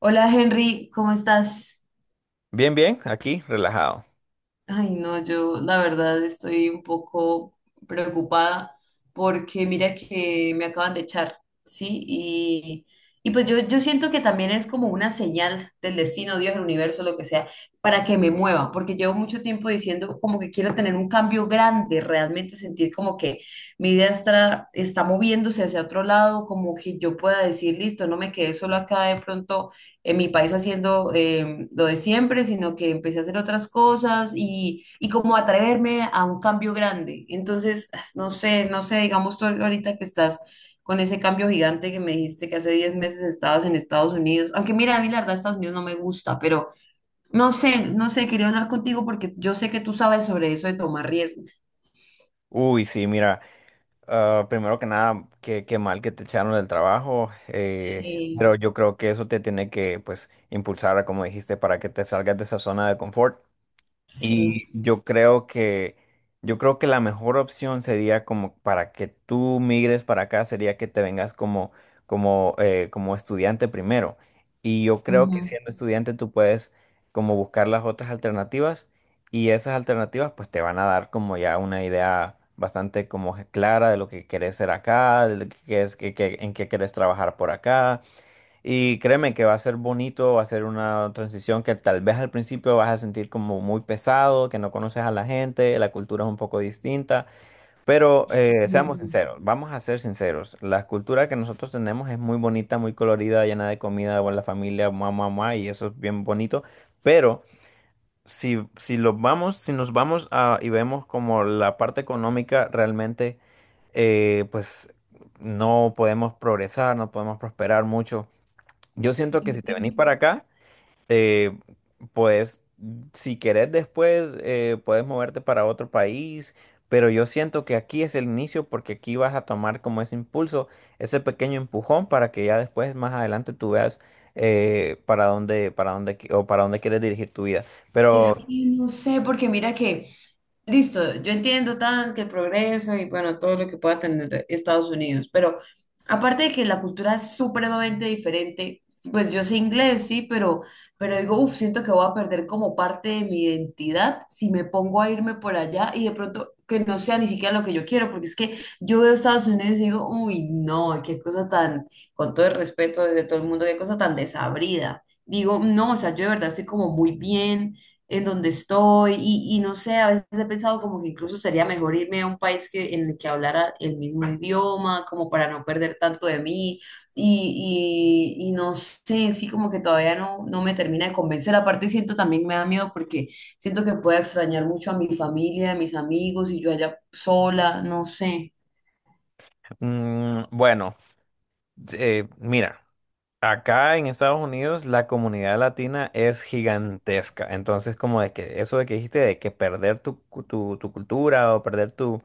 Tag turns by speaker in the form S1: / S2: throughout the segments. S1: Hola Henry, ¿cómo estás?
S2: Bien, bien, aquí, relajado.
S1: Ay, no, yo la verdad estoy un poco preocupada porque mira que me acaban de echar, ¿sí? Y pues yo siento que también es como una señal del destino, Dios, el universo, lo que sea, para que me mueva, porque llevo mucho tiempo diciendo como que quiero tener un cambio grande, realmente sentir como que mi vida está moviéndose hacia otro lado, como que yo pueda decir, listo, no me quedé solo acá de pronto en mi país haciendo lo de siempre, sino que empecé a hacer otras cosas y como atreverme a un cambio grande. Entonces, no sé, no sé, digamos tú ahorita que estás con ese cambio gigante que me dijiste que hace 10 meses estabas en Estados Unidos, aunque mira, a mí la verdad Estados Unidos no me gusta, pero no sé, no sé, quería hablar contigo porque yo sé que tú sabes sobre eso de tomar riesgos.
S2: Uy, sí, mira, primero que nada, qué mal que te echaron del trabajo,
S1: Sí,
S2: pero yo creo que eso te tiene que, pues, impulsar, como dijiste, para que te salgas de esa zona de confort. Y
S1: sí.
S2: yo creo que, yo creo que la mejor opción sería como para que tú migres para acá, sería que te vengas como estudiante primero. Y yo creo que
S1: Ujú.
S2: siendo estudiante tú puedes como buscar las otras alternativas y esas alternativas pues te van a dar como ya una idea bastante como clara de lo que querés ser acá, de lo que quieres, en qué querés trabajar por acá. Y créeme que va a ser bonito, va a ser una transición que tal vez al principio vas a sentir como muy pesado, que no conoces a la gente, la cultura es un poco distinta, pero seamos
S1: Mm.
S2: sinceros, vamos a ser sinceros, la cultura que nosotros tenemos es muy bonita, muy colorida, llena de comida, buena familia, mamá, mamá, y eso es bien bonito, pero si lo vamos, si nos vamos y vemos como la parte económica realmente, pues no podemos progresar, no podemos prosperar mucho. Yo siento
S1: Es
S2: que si te
S1: que
S2: venís para acá, eh, pues si querés después puedes moverte para otro país, pero yo siento que aquí es el inicio porque aquí vas a tomar como ese impulso, ese pequeño empujón para que ya después más adelante tú veas para dónde quieres dirigir tu vida.
S1: es
S2: Pero
S1: que no sé, porque mira que listo, yo entiendo tanto que el progreso y bueno, todo lo que pueda tener Estados Unidos, pero aparte de que la cultura es supremamente diferente, pues yo sé inglés, sí, pero digo, uff, siento que voy a perder como parte de mi identidad si me pongo a irme por allá y de pronto que no sea ni siquiera lo que yo quiero, porque es que yo veo Estados Unidos y digo, uy, no, qué cosa tan, con todo el respeto de todo el mundo, qué cosa tan desabrida. Digo, no, o sea, yo de verdad estoy como muy bien en donde estoy y no sé, a veces he pensado como que incluso sería mejor irme a un país que, en el que hablara el mismo idioma, como para no perder tanto de mí y no sé, sí como que todavía no, no me termina de convencer, aparte siento también me da miedo porque siento que pueda extrañar mucho a mi familia, a mis amigos y yo allá sola, no sé,
S2: bueno, mira. Acá en Estados Unidos la comunidad latina es gigantesca. Entonces, como de que eso de que dijiste de que perder tu cultura o perder tu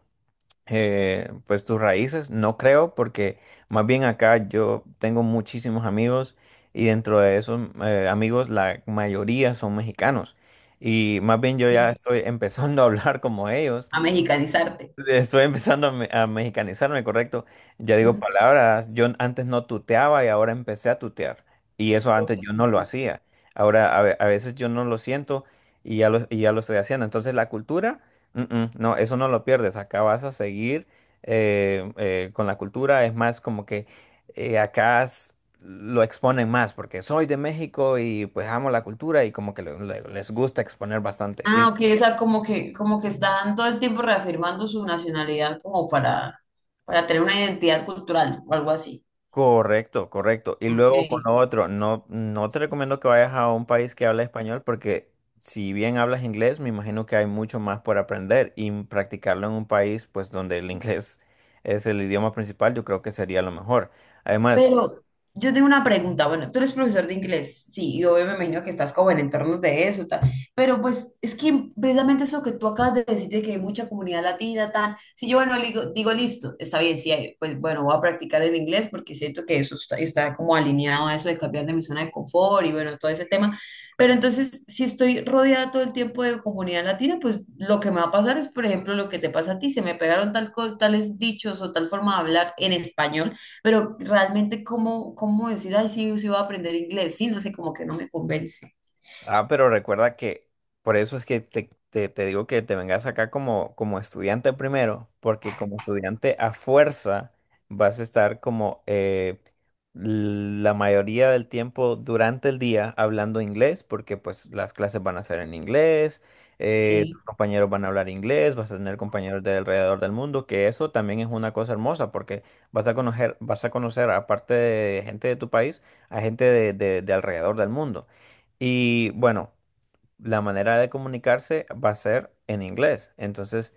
S2: pues tus raíces, no creo, porque más bien acá yo tengo muchísimos amigos y dentro de esos amigos la mayoría son mexicanos. Y más bien yo ya estoy empezando a hablar como ellos.
S1: a mexicanizarte.
S2: Estoy empezando a mexicanizarme, correcto. Ya digo palabras. Yo antes no tuteaba y ahora empecé a tutear. Y eso
S1: Ujú.
S2: antes yo no lo hacía. Ahora a veces yo no lo siento y ya lo estoy haciendo. Entonces la cultura, no, eso no lo pierdes. Acá vas a seguir con la cultura. Es más como que acá lo exponen más porque soy de México y pues amo la cultura y como que les gusta exponer bastante. Y
S1: Ah, ok, o sea, como que están todo el tiempo reafirmando su nacionalidad como para tener una identidad cultural o algo así.
S2: correcto, correcto. Y luego con
S1: Ok.
S2: lo otro, no te recomiendo que vayas a un país que habla español porque si bien hablas inglés, me imagino que hay mucho más por aprender y practicarlo en un país pues donde el inglés es el idioma principal, yo creo que sería lo mejor. Además,
S1: Pero yo tengo una pregunta. Bueno, tú eres profesor de inglés, sí, y me imagino que estás como en entornos de eso, tal. Pero pues es que precisamente eso que tú acabas de decir de que hay mucha comunidad latina, tal. Si yo, bueno, digo, listo, está bien, sí, hay- pues bueno, voy a practicar el inglés porque siento que eso está, está como alineado a eso de cambiar de mi zona de confort y bueno, todo ese tema. Pero entonces, si estoy rodeada todo el tiempo de comunidad latina, pues lo que me va a pasar es, por ejemplo, lo que te pasa a ti, se me pegaron tal cosa, tales dichos o tal forma de hablar en español pero realmente, ¿cómo, cómo decir, ay, sí, sí voy a aprender inglés? Sí, no sé, como que no me convence.
S2: pero recuerda que por eso es que te digo que te vengas acá como, como estudiante primero, porque como estudiante a fuerza vas a estar como la mayoría del tiempo durante el día hablando inglés, porque pues las clases van a ser en inglés, tus
S1: Sí,
S2: compañeros van a hablar inglés, vas a tener compañeros de alrededor del mundo, que eso también es una cosa hermosa, porque vas a conocer aparte de gente de tu país, a gente de alrededor del mundo. Y bueno, la manera de comunicarse va a ser en inglés. Entonces,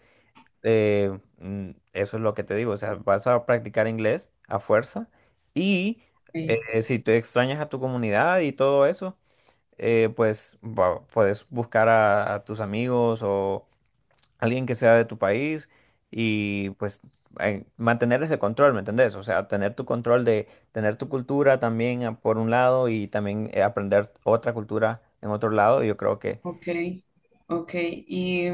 S2: eso es lo que te digo. O sea, vas a practicar inglés a fuerza. Y
S1: sí,
S2: si te extrañas a tu comunidad y todo eso, pues puedes buscar a tus amigos o, alguien que sea de tu país y pues mantener ese control, ¿me entendés? O sea, tener tu control de tener tu cultura también por un lado y también aprender otra cultura en otro lado. Yo creo que.
S1: ok, ok. Y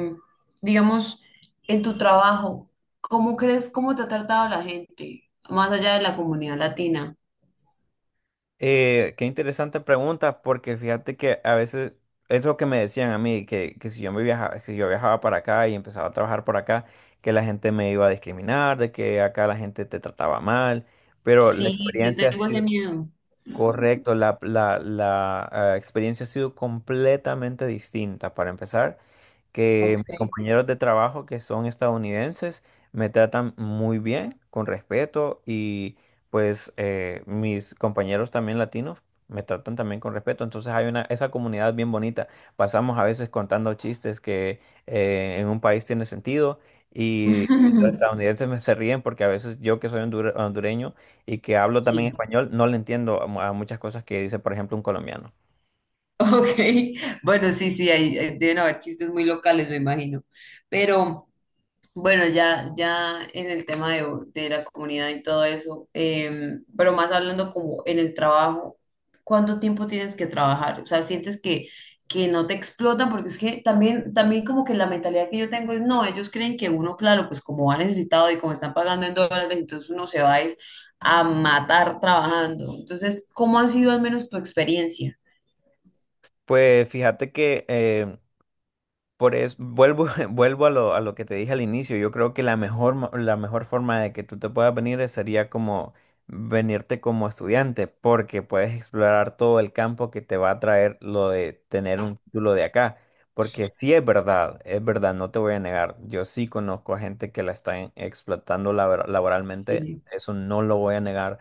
S1: digamos, en tu trabajo, ¿cómo crees, cómo te ha tratado la gente, más allá de la comunidad latina?
S2: Eh, qué interesante pregunta porque fíjate que a veces es lo que me decían a mí, que si yo me viajaba, si yo viajaba para acá y empezaba a trabajar por acá, que la gente me iba a discriminar, de que acá la gente te trataba mal, pero la
S1: Sí, yo
S2: experiencia ha
S1: tengo ese
S2: sido.
S1: miedo.
S2: Correcto, experiencia ha sido completamente distinta. Para empezar, que
S1: Ok.
S2: mis compañeros de trabajo que son estadounidenses me tratan muy bien, con respeto, y pues mis compañeros también latinos me tratan también con respeto. Entonces hay una, esa comunidad bien bonita. Pasamos a veces contando chistes que en un país tiene sentido y los estadounidenses me se ríen porque a veces yo que soy hondureño y que hablo también
S1: Sí.
S2: español, no le entiendo a muchas cosas que dice, por ejemplo, un colombiano.
S1: Ok, bueno, sí, sí, ahí, ahí deben haber chistes muy locales, me imagino. Pero... Bueno, ya, ya en el tema de la comunidad y todo eso, pero más hablando como en el trabajo, ¿cuánto tiempo tienes que trabajar? O sea, sientes que no te explotan, porque es que también, también como que la mentalidad que yo tengo es, no, ellos creen que uno, claro, pues como ha necesitado y como están pagando en dólares, entonces uno se va es a matar trabajando. Entonces, ¿cómo ha sido al menos tu experiencia?
S2: Pues fíjate que por eso, vuelvo, vuelvo a lo que te dije al inicio. Yo creo que la mejor forma de que tú te puedas venir sería como venirte como estudiante, porque puedes explorar todo el campo que te va a traer lo de tener un título de acá. Porque sí es verdad, no te voy a negar. Yo sí conozco a gente que la está explotando laboralmente,
S1: Sí.
S2: eso no lo voy a negar,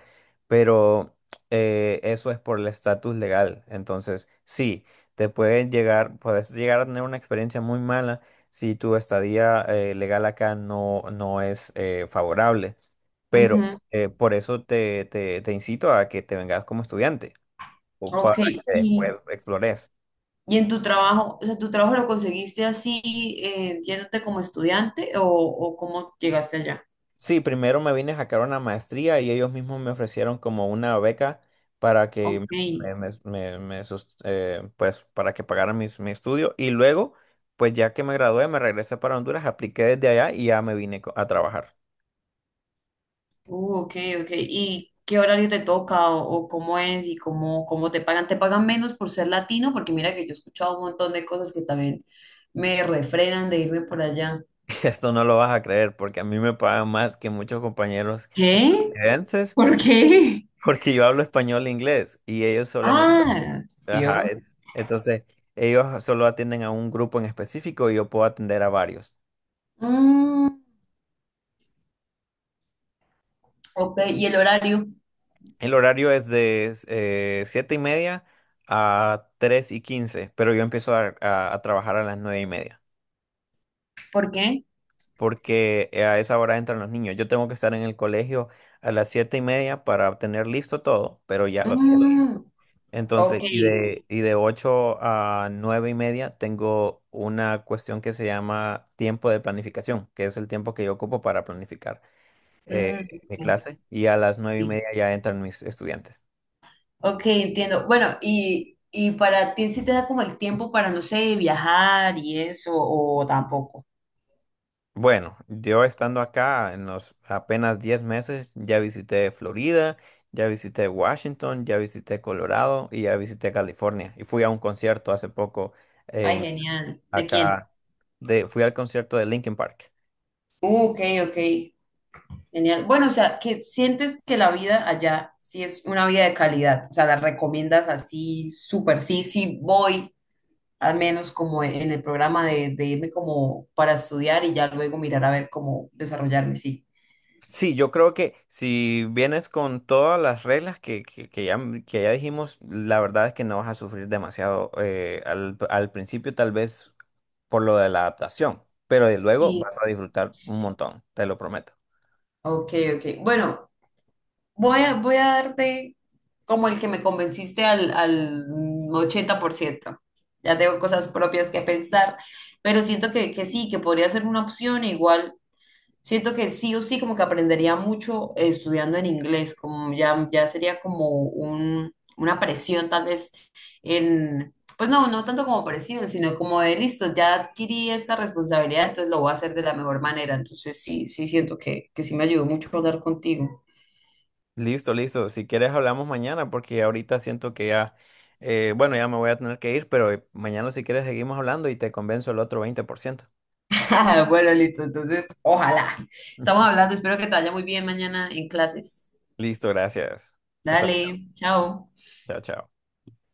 S2: pero eso es por el estatus legal. Entonces, sí te pueden llegar, puedes llegar a tener una experiencia muy mala si tu estadía legal acá no es favorable. Pero
S1: Ujú,
S2: por eso te incito a que te vengas como estudiante o para
S1: ok,
S2: que después
S1: y,
S2: explores.
S1: y en tu trabajo, o sea, ¿tu trabajo lo conseguiste así, yéndote como estudiante o cómo llegaste allá?
S2: Sí, primero me vine a sacar una maestría y ellos mismos me ofrecieron como una beca para que
S1: Ok.
S2: pues para que pagara mi estudio y luego pues ya que me gradué me regresé para Honduras, apliqué desde allá y ya me vine a trabajar.
S1: Ok, ok. ¿Y qué horario te toca o cómo es y cómo, cómo te pagan? ¿Te pagan menos por ser latino? Porque mira que yo he escuchado un montón de cosas que también me refrenan de irme por allá.
S2: Esto no lo vas a creer porque a mí me pagan más que muchos compañeros
S1: ¿Qué?
S2: estadounidenses
S1: ¿Por qué?
S2: porque yo hablo español e inglés y ellos solamente...
S1: Ah,
S2: Ajá,
S1: ¿vio?
S2: entonces, ellos solo atienden a un grupo en específico y yo puedo atender a varios.
S1: Mm, ok, ¿y el horario?
S2: El horario es de 7:30 a 3:15, pero yo empiezo a trabajar a las 9:30
S1: ¿Por qué?
S2: porque a esa hora entran los niños. Yo tengo que estar en el colegio a las 7:30 para tener listo todo, pero ya lo tengo.
S1: Mm, ok,
S2: Entonces, y de 8:00 a 9:30 tengo una cuestión que se llama tiempo de planificación, que es el tiempo que yo ocupo para planificar eh,
S1: mm,
S2: mi
S1: sí,
S2: clase, y a las nueve y
S1: sí.
S2: media ya entran mis estudiantes.
S1: Ok, entiendo. Bueno, y para ti sí te da como el tiempo para, no sé, viajar y eso o tampoco.
S2: Bueno, yo estando acá en los apenas 10 meses, ya visité Florida, ya visité Washington, ya visité Colorado y ya visité California. Y fui a un concierto hace poco
S1: Ay,
S2: en
S1: genial. ¿De quién?
S2: acá, de, fui al concierto de Linkin Park.
S1: Ok, ok. Genial. Bueno, o sea, que sientes que la vida allá sí es una vida de calidad. O sea, la recomiendas así, súper. Sí, sí, voy, al menos como en el programa de irme como para estudiar y ya luego mirar a ver cómo desarrollarme, sí.
S2: Sí, yo creo que si vienes con todas las reglas que ya dijimos, la verdad es que no vas a sufrir demasiado al principio, tal vez por lo de la adaptación, pero de luego
S1: Sí.
S2: vas a disfrutar un montón, te lo prometo.
S1: Ok, ok. Bueno, voy a darte como el que me convenciste al 80%. Ya tengo cosas propias que pensar, pero siento que sí, que podría ser una opción. Igual, siento que sí o sí, como que aprendería mucho estudiando en inglés, como ya, ya sería como un, una presión tal vez en, pues no, no tanto como presión, sino como de listo, ya adquirí esta responsabilidad, entonces lo voy a hacer de la mejor manera. Entonces sí, sí siento que sí me ayudó mucho hablar contigo.
S2: Listo, listo. Si quieres hablamos mañana porque ahorita siento que ya, bueno, ya me voy a tener que ir, pero mañana si quieres seguimos hablando y te convenzo el otro 20%.
S1: Bueno, listo. Entonces, ojalá. Estamos hablando. Espero que te vaya muy bien mañana en clases.
S2: Listo, gracias. Hasta luego.
S1: Dale, chao.
S2: Chao, chao.